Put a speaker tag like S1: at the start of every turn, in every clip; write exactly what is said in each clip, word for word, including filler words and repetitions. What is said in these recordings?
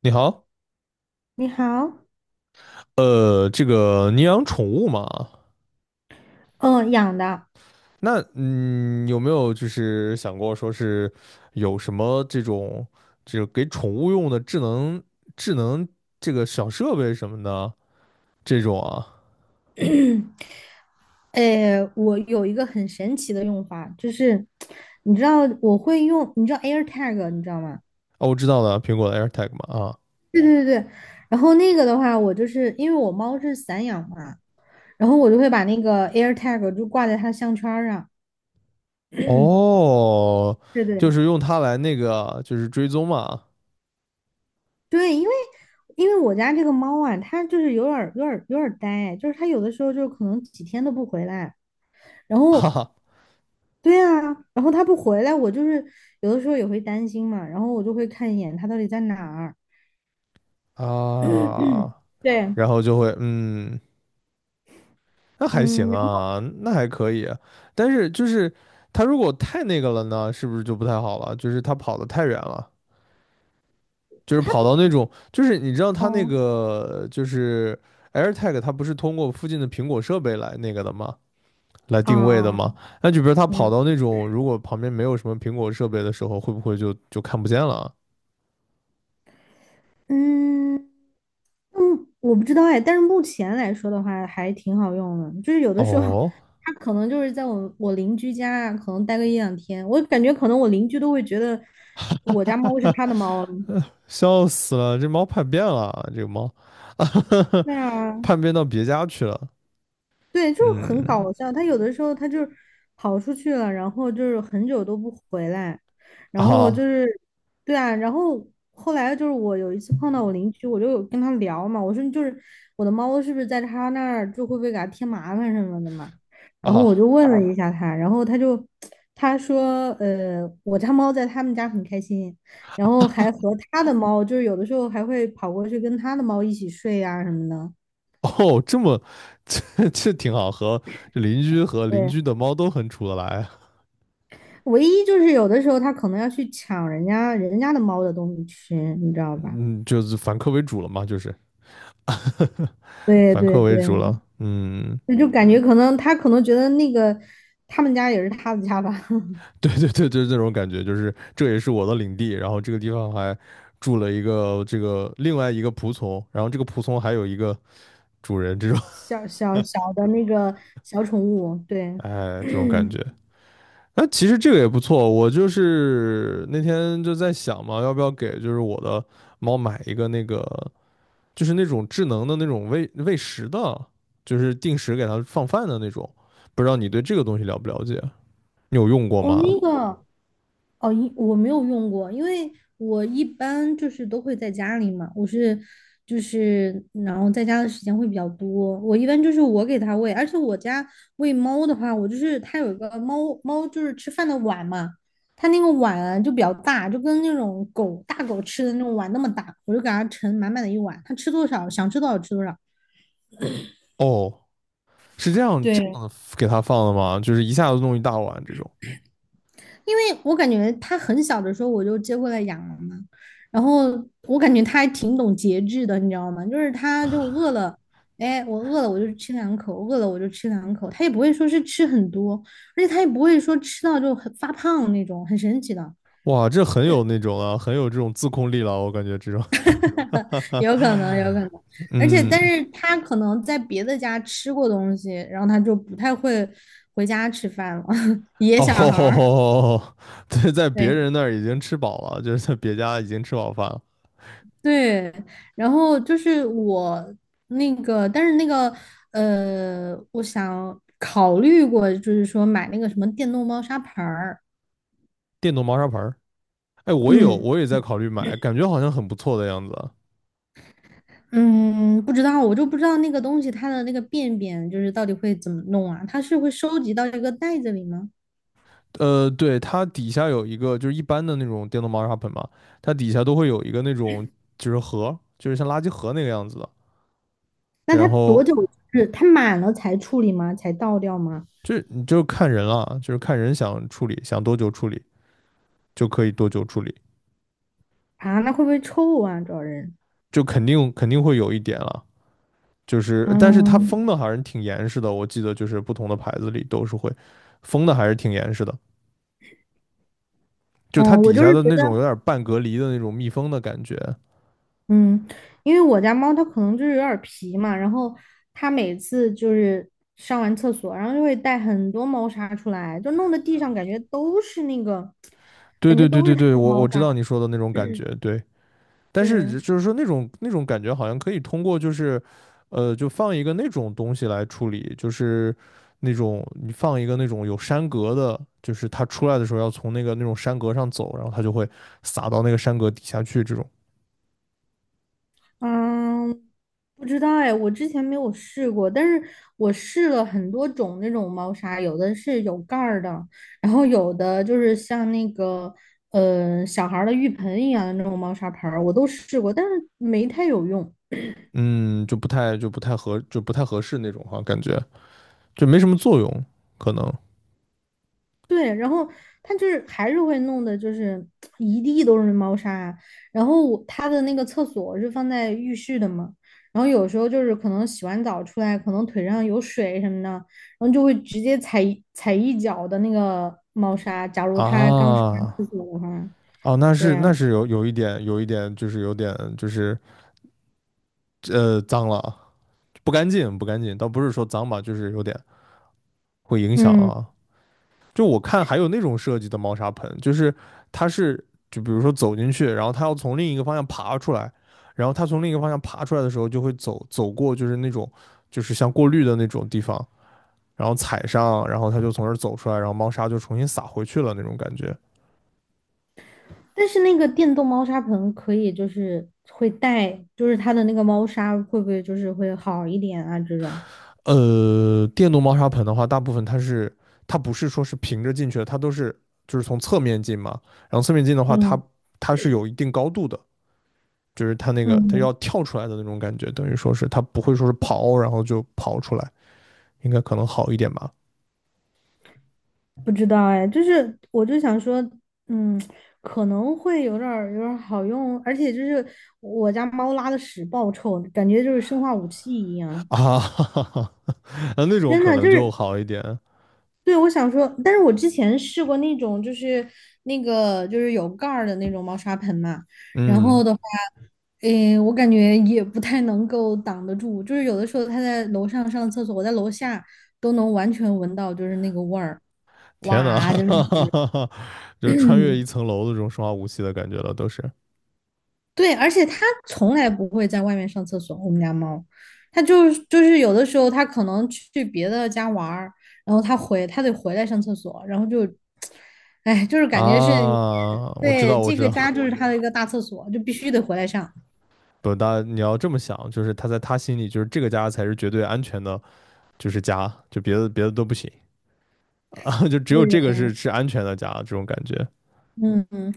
S1: 你好，
S2: 你好。
S1: 呃，这个你养宠物嘛？
S2: 嗯，养的。
S1: 那嗯，有没有就是想过说是有什么这种就是给宠物用的智能智能这个小设备什么的这种啊？
S2: 诶，我有一个很神奇的用法，就是你知道我会用，你知道 AirTag，你知道吗？
S1: 哦，我知道了，苹果的 AirTag 嘛啊。
S2: 对对对对。然后那个的话，我就是因为我猫是散养嘛，然后我就会把那个 AirTag 就挂在它的项圈儿上。
S1: 哦，
S2: 对
S1: 就
S2: 对
S1: 是用它来那个就是追踪嘛。
S2: 对，因为因为我家这个猫啊，它就是有点儿有点儿有点儿呆，就是它有的时候就可能几天都不回来，然
S1: 哈
S2: 后
S1: 哈
S2: 对啊。然后他不回来，我就是有的时候也会担心嘛，然后我就会看一眼他到底在哪儿。
S1: 啊，
S2: 对，
S1: 然后就会嗯。那还行
S2: 嗯，然后
S1: 啊，那还可以。但是就是他如果太那个了呢，是不是就不太好了？就是他跑得太远了，就是
S2: 他
S1: 跑到那种，就是你知道他那
S2: 哦，
S1: 个就是 AirTag，它不是通过附近的苹果设备来那个的吗？来定位的
S2: 啊，
S1: 吗？那就比如他跑
S2: 嗯
S1: 到那种如果旁边没有什么苹果设备的时候，会不会就就看不见了啊？
S2: 嗯嗯，我不知道哎，但是目前来说的话还挺好用的，就是有的时候
S1: 哦。
S2: 他可能就是在我我邻居家啊可能待个一两天，我感觉可能我邻居都会觉得我家猫是他的猫了。
S1: 哎，笑死了，这猫叛变了，这个猫，
S2: 对啊。
S1: 叛变到别家去了。
S2: 对，就是很
S1: 嗯，
S2: 搞笑。他有的时候他就是跑出去了，然后就是很久都不回来，然后就
S1: 啊。
S2: 是，对啊。然后后来就是我有一次碰到我邻居，我就有跟他聊嘛，我说就是我的猫是不是在他那儿就会不会给他添麻烦什么的嘛，然后我就
S1: 啊，
S2: 问了一下他，然后他就他说呃我家猫在他们家很开心，然后还和他的猫就是有的时候还会跑过去跟他的猫一起睡啊什么的。
S1: 哦，这么 这这挺好，和这邻居和邻
S2: 对。
S1: 居的猫都很处得来啊。
S2: 唯一就是有的时候它可能要去抢人家人家的猫的东西吃，你知道吧？
S1: 嗯，就是反客为主了嘛，就是
S2: 对
S1: 反
S2: 对
S1: 客为主
S2: 对，
S1: 了。嗯，
S2: 那就感觉可能它可能觉得那个他们家也是他的家吧。
S1: 对对对，就是这种感觉，就是这也是我的领地，然后这个地方还住了一个这个另外一个仆从，然后这个仆从还有一个主人，这种
S2: 小小小的那个小宠物，对。
S1: 哎这种感 觉。那其实这个也不错，我就是那天就在想嘛，要不要给就是我的猫买一个那个。就是那种智能的那种喂喂食的，就是定时给它放饭的那种。不知道你对这个东西了不了解？你有用过
S2: 哦，
S1: 吗？
S2: 那个哦，一我没有用过，因为我一般就是都会在家里嘛，我是就是然后在家的时间会比较多，我一般就是我给它喂，而且我家喂猫的话，我就是它有一个猫猫就是吃饭的碗嘛，它那个碗啊就比较大，就跟那种狗大狗吃的那种碗那么大，我就给它盛满满的一碗，它吃多少想吃多少吃多少。
S1: 哦，是这样这
S2: 对。
S1: 样给它放的吗？就是一下子弄一大碗这种。
S2: 因为我感觉他很小的时候我就接过来养了嘛，然后我感觉他还挺懂节制的，你知道吗？就是他就饿了，哎，我饿了我就吃两口，饿了我就吃两口，他也不会说是吃很多，而且他也不会说吃到就很发胖那种，很神奇的。
S1: 哇，这很有那种啊，很有这种自控力了，我感觉这种。
S2: 有可能，有可能。而且，
S1: 嗯，
S2: 但是他可能在别的家吃过东西，然后他就不太会回家吃饭了，野小孩儿，
S1: 哦，对，在别
S2: 对。
S1: 人那儿已经吃饱了，就是在别家已经吃饱饭了。
S2: 对，然后就是我那个，但是那个呃，我想考虑过，就是说买那个什么电动猫砂盆儿。
S1: 电动猫砂盆儿，哎，我也有，
S2: 嗯
S1: 我也在考虑买，感觉好像很不错的样子啊。
S2: 嗯，不知道，我就不知道那个东西它的那个便便就是到底会怎么弄啊？它是会收集到一个袋子里吗？
S1: 呃，对，它底下有一个，就是一般的那种电动猫砂盆嘛，它底下都会有一个那种就是盒，就是像垃圾盒那个样子的。
S2: 那它
S1: 然
S2: 多
S1: 后
S2: 久是它满了才处理吗？才倒掉吗？
S1: 就你就看人了，就是看人想处理，想多久处理就可以多久处理。
S2: 啊，那会不会臭啊？主要人，
S1: 就肯定肯定会有一点了。就是，但是它
S2: 嗯
S1: 封的还是挺严实的，我记得就是不同的牌子里都是会封的，还是挺严实的。就它
S2: 嗯，我
S1: 底
S2: 就
S1: 下
S2: 是觉
S1: 的那种有
S2: 得。
S1: 点半隔离的那种密封的感觉。
S2: 嗯，因为我家猫它可能就是有点儿皮嘛，然后它每次就是上完厕所，然后就会带很多猫砂出来，就弄得地上感觉都是那个
S1: 对对对对对，
S2: 呃
S1: 我
S2: 猫
S1: 我知道
S2: 砂。
S1: 你说的那种感觉，对。但
S2: 对。
S1: 是就是说那种那种感觉好像可以通过就是，呃，就放一个那种东西来处理，就是那种你放一个那种有山格的，就是它出来的时候要从那个那种山格上走，然后它就会撒到那个山格底下去，这种。
S2: 嗯，不知道哎，我之前没有试过，但是我试了很多种那种猫砂，有的是有盖儿的，然后有的就是像那个呃小孩儿的浴盆一样的那种猫砂盆儿，我都试过，但是没太有用。
S1: 嗯，就不太就不太合就不太合适那种哈、感觉就没什么作用，可能
S2: 对，然后它就是还是会弄的，就是一地都是猫砂啊。然后它的那个厕所是放在浴室的嘛，然后有时候就是可能洗完澡出来，可能腿上有水什么的，然后就会直接踩一踩一脚的那个猫砂。假如它刚上完
S1: 啊。
S2: 厕所的话，
S1: 哦，那
S2: 对
S1: 是
S2: 啊，
S1: 那是有有一点有一点就是有点就是呃脏了，啊不干净不干净，倒不是说脏吧，就是有点会影响
S2: 嗯，
S1: 啊。就我看还有那种设计的猫砂盆，就是它是就比如说走进去，然后它要从另一个方向爬出来，然后它从另一个方向爬出来的时候，就会走走过就是那种就是像过滤的那种地方，然后踩上，然后它就从这儿走出来，然后猫砂就重新撒回去了那种感觉。
S2: 但是那个电动猫砂盆可以，就是会带，就是它的那个猫砂会不会就是会好一点啊？这种，
S1: 呃，电动猫砂盆的话，大部分它是它不是说是平着进去的，它都是就是从侧面进嘛，然后侧面进的话，它
S2: 嗯
S1: 它是有一定高度的，就是他那个他
S2: 嗯。
S1: 要跳出来的那种感觉，等于说是他不会说是跑，然后就跑出来，应该可能好一点吧？
S2: 不知道哎，就是我就想说，嗯，可能会有点儿有点儿好用，而且就是我家猫拉的屎爆臭，感觉就是生化武器一样，
S1: 啊，哈哈哈啊那种
S2: 真
S1: 可
S2: 的就
S1: 能就
S2: 是
S1: 好一点。
S2: 对我想说，但是我之前试过那种就是那个就是有盖儿的那种猫砂盆嘛，然后
S1: 嗯，
S2: 的话，嗯，我感觉也不太能够挡得住，就是有的时候它在楼上上厕所，我在楼下都能完全闻到就是那个味儿，
S1: 天呐，
S2: 哇，真的
S1: 哈哈哈
S2: 是。
S1: 哈，就穿越一层楼的这种生化武器的感觉了，都是
S2: 对，而且它从来不会在外面上厕所。我们家猫，它就是就是有的时候它可能去别的家玩儿，然后它回它得回来上厕所，然后就，哎，就是感觉是
S1: 啊。我知
S2: 对
S1: 道，我
S2: 这
S1: 知
S2: 个
S1: 道，
S2: 家就是它的一个大厕所，就必须得回来上。
S1: 不，大你要这么想，就是他在他心里，就是这个家才是绝对安全的，就是家，就别的别的都不行啊，就只有这个
S2: 对，
S1: 是是安全的家，这种感觉。
S2: 嗯嗯，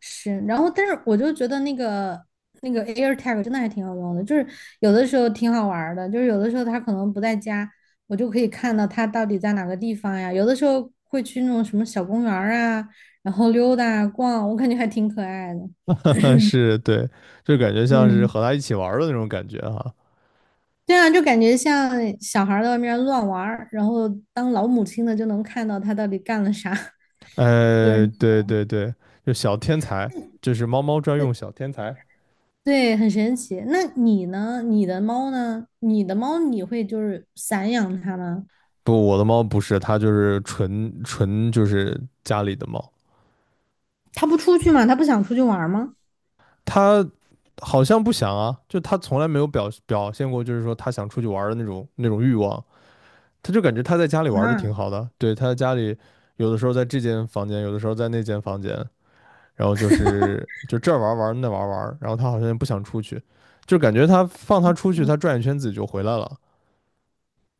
S2: 是，然后但是我就觉得那个那个 AirTag 真的还挺好用的，就是有的时候挺好玩儿的，就是有的时候他可能不在家，我就可以看到他到底在哪个地方呀。有的时候会去那种什么小公园儿啊，然后溜达啊逛，我感觉还挺可爱的。
S1: 但是对，就感觉像是
S2: 嗯，
S1: 和他一起玩儿的那种感觉哈。
S2: 对啊，就感觉像小孩儿在外面乱玩儿然后当老母亲的就能看到他到底干了啥，就是。
S1: 呃，对对对，就小天才，就是猫猫专用小天才。
S2: 对，很神奇。那你呢？你的猫呢？你的猫你会就是散养它吗？
S1: 不，我的猫不是，它就是纯纯就是家里的猫。
S2: 它不出去吗？它不想出去玩吗？
S1: 它好像不想啊，就它从来没有表表现过，就是说它想出去玩儿的那种那种欲望。它就感觉它在家里玩的
S2: 啊，
S1: 挺好的，对，它在家里有的时候在这间房间，有的时候在那间房间，然后就是就这儿玩玩那玩玩，然后他好像也不想出去，就感觉他放他出去，他转一圈自己就回来了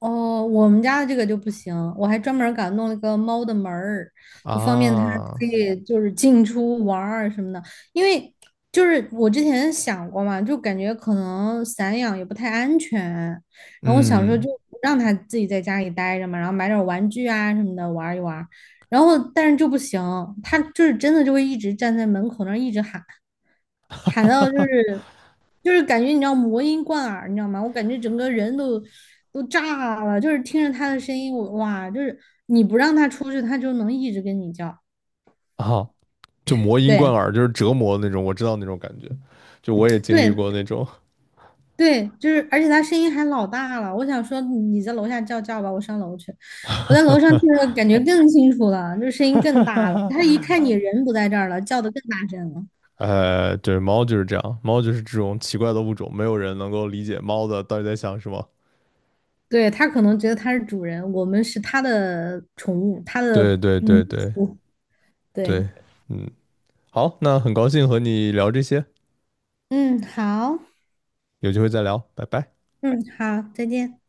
S2: 哦，我们家的这个就不行，我还专门儿给它弄了个猫的门儿，就方便它
S1: 啊。
S2: 可以就是进出玩儿什么的。因为就是我之前想过嘛，就感觉可能散养也不太安全，然后我想说
S1: 嗯
S2: 就让它自己在家里待着嘛，然后买点儿玩具啊什么的玩儿一玩儿然后但是就不行，它就是真的就会一直站在门口那儿一直喊。喊到就是就是感觉你知道魔音贯耳，你知道吗？我感觉整个人都都炸了，就是听着他的声音，我哇，就是你不让他出去，他就能一直跟你叫。
S1: 啊，就魔音贯
S2: 对
S1: 耳，就是折磨那种，我知道那种感觉，就我也经历
S2: 对
S1: 过那种。
S2: 对，就是，而且他声音还老大了。我想说，你在楼下叫叫吧，我上楼去。我在楼上听着感觉更清楚了，就是声音更大了。他一看你人不在这儿了，叫的更大声了。
S1: 呃，对，猫就是这样，猫就是这种奇怪的物种，没有人能够理解猫的到底在想什么。
S2: 对，他可能觉得他是主人，我们是他的宠物，他
S1: 对
S2: 的
S1: 对
S2: 奴
S1: 对对
S2: 仆。对。
S1: 对，嗯，好，那很高兴和你聊这些，
S2: 嗯，好，
S1: 有机会再聊，拜拜。
S2: 嗯，好，再见。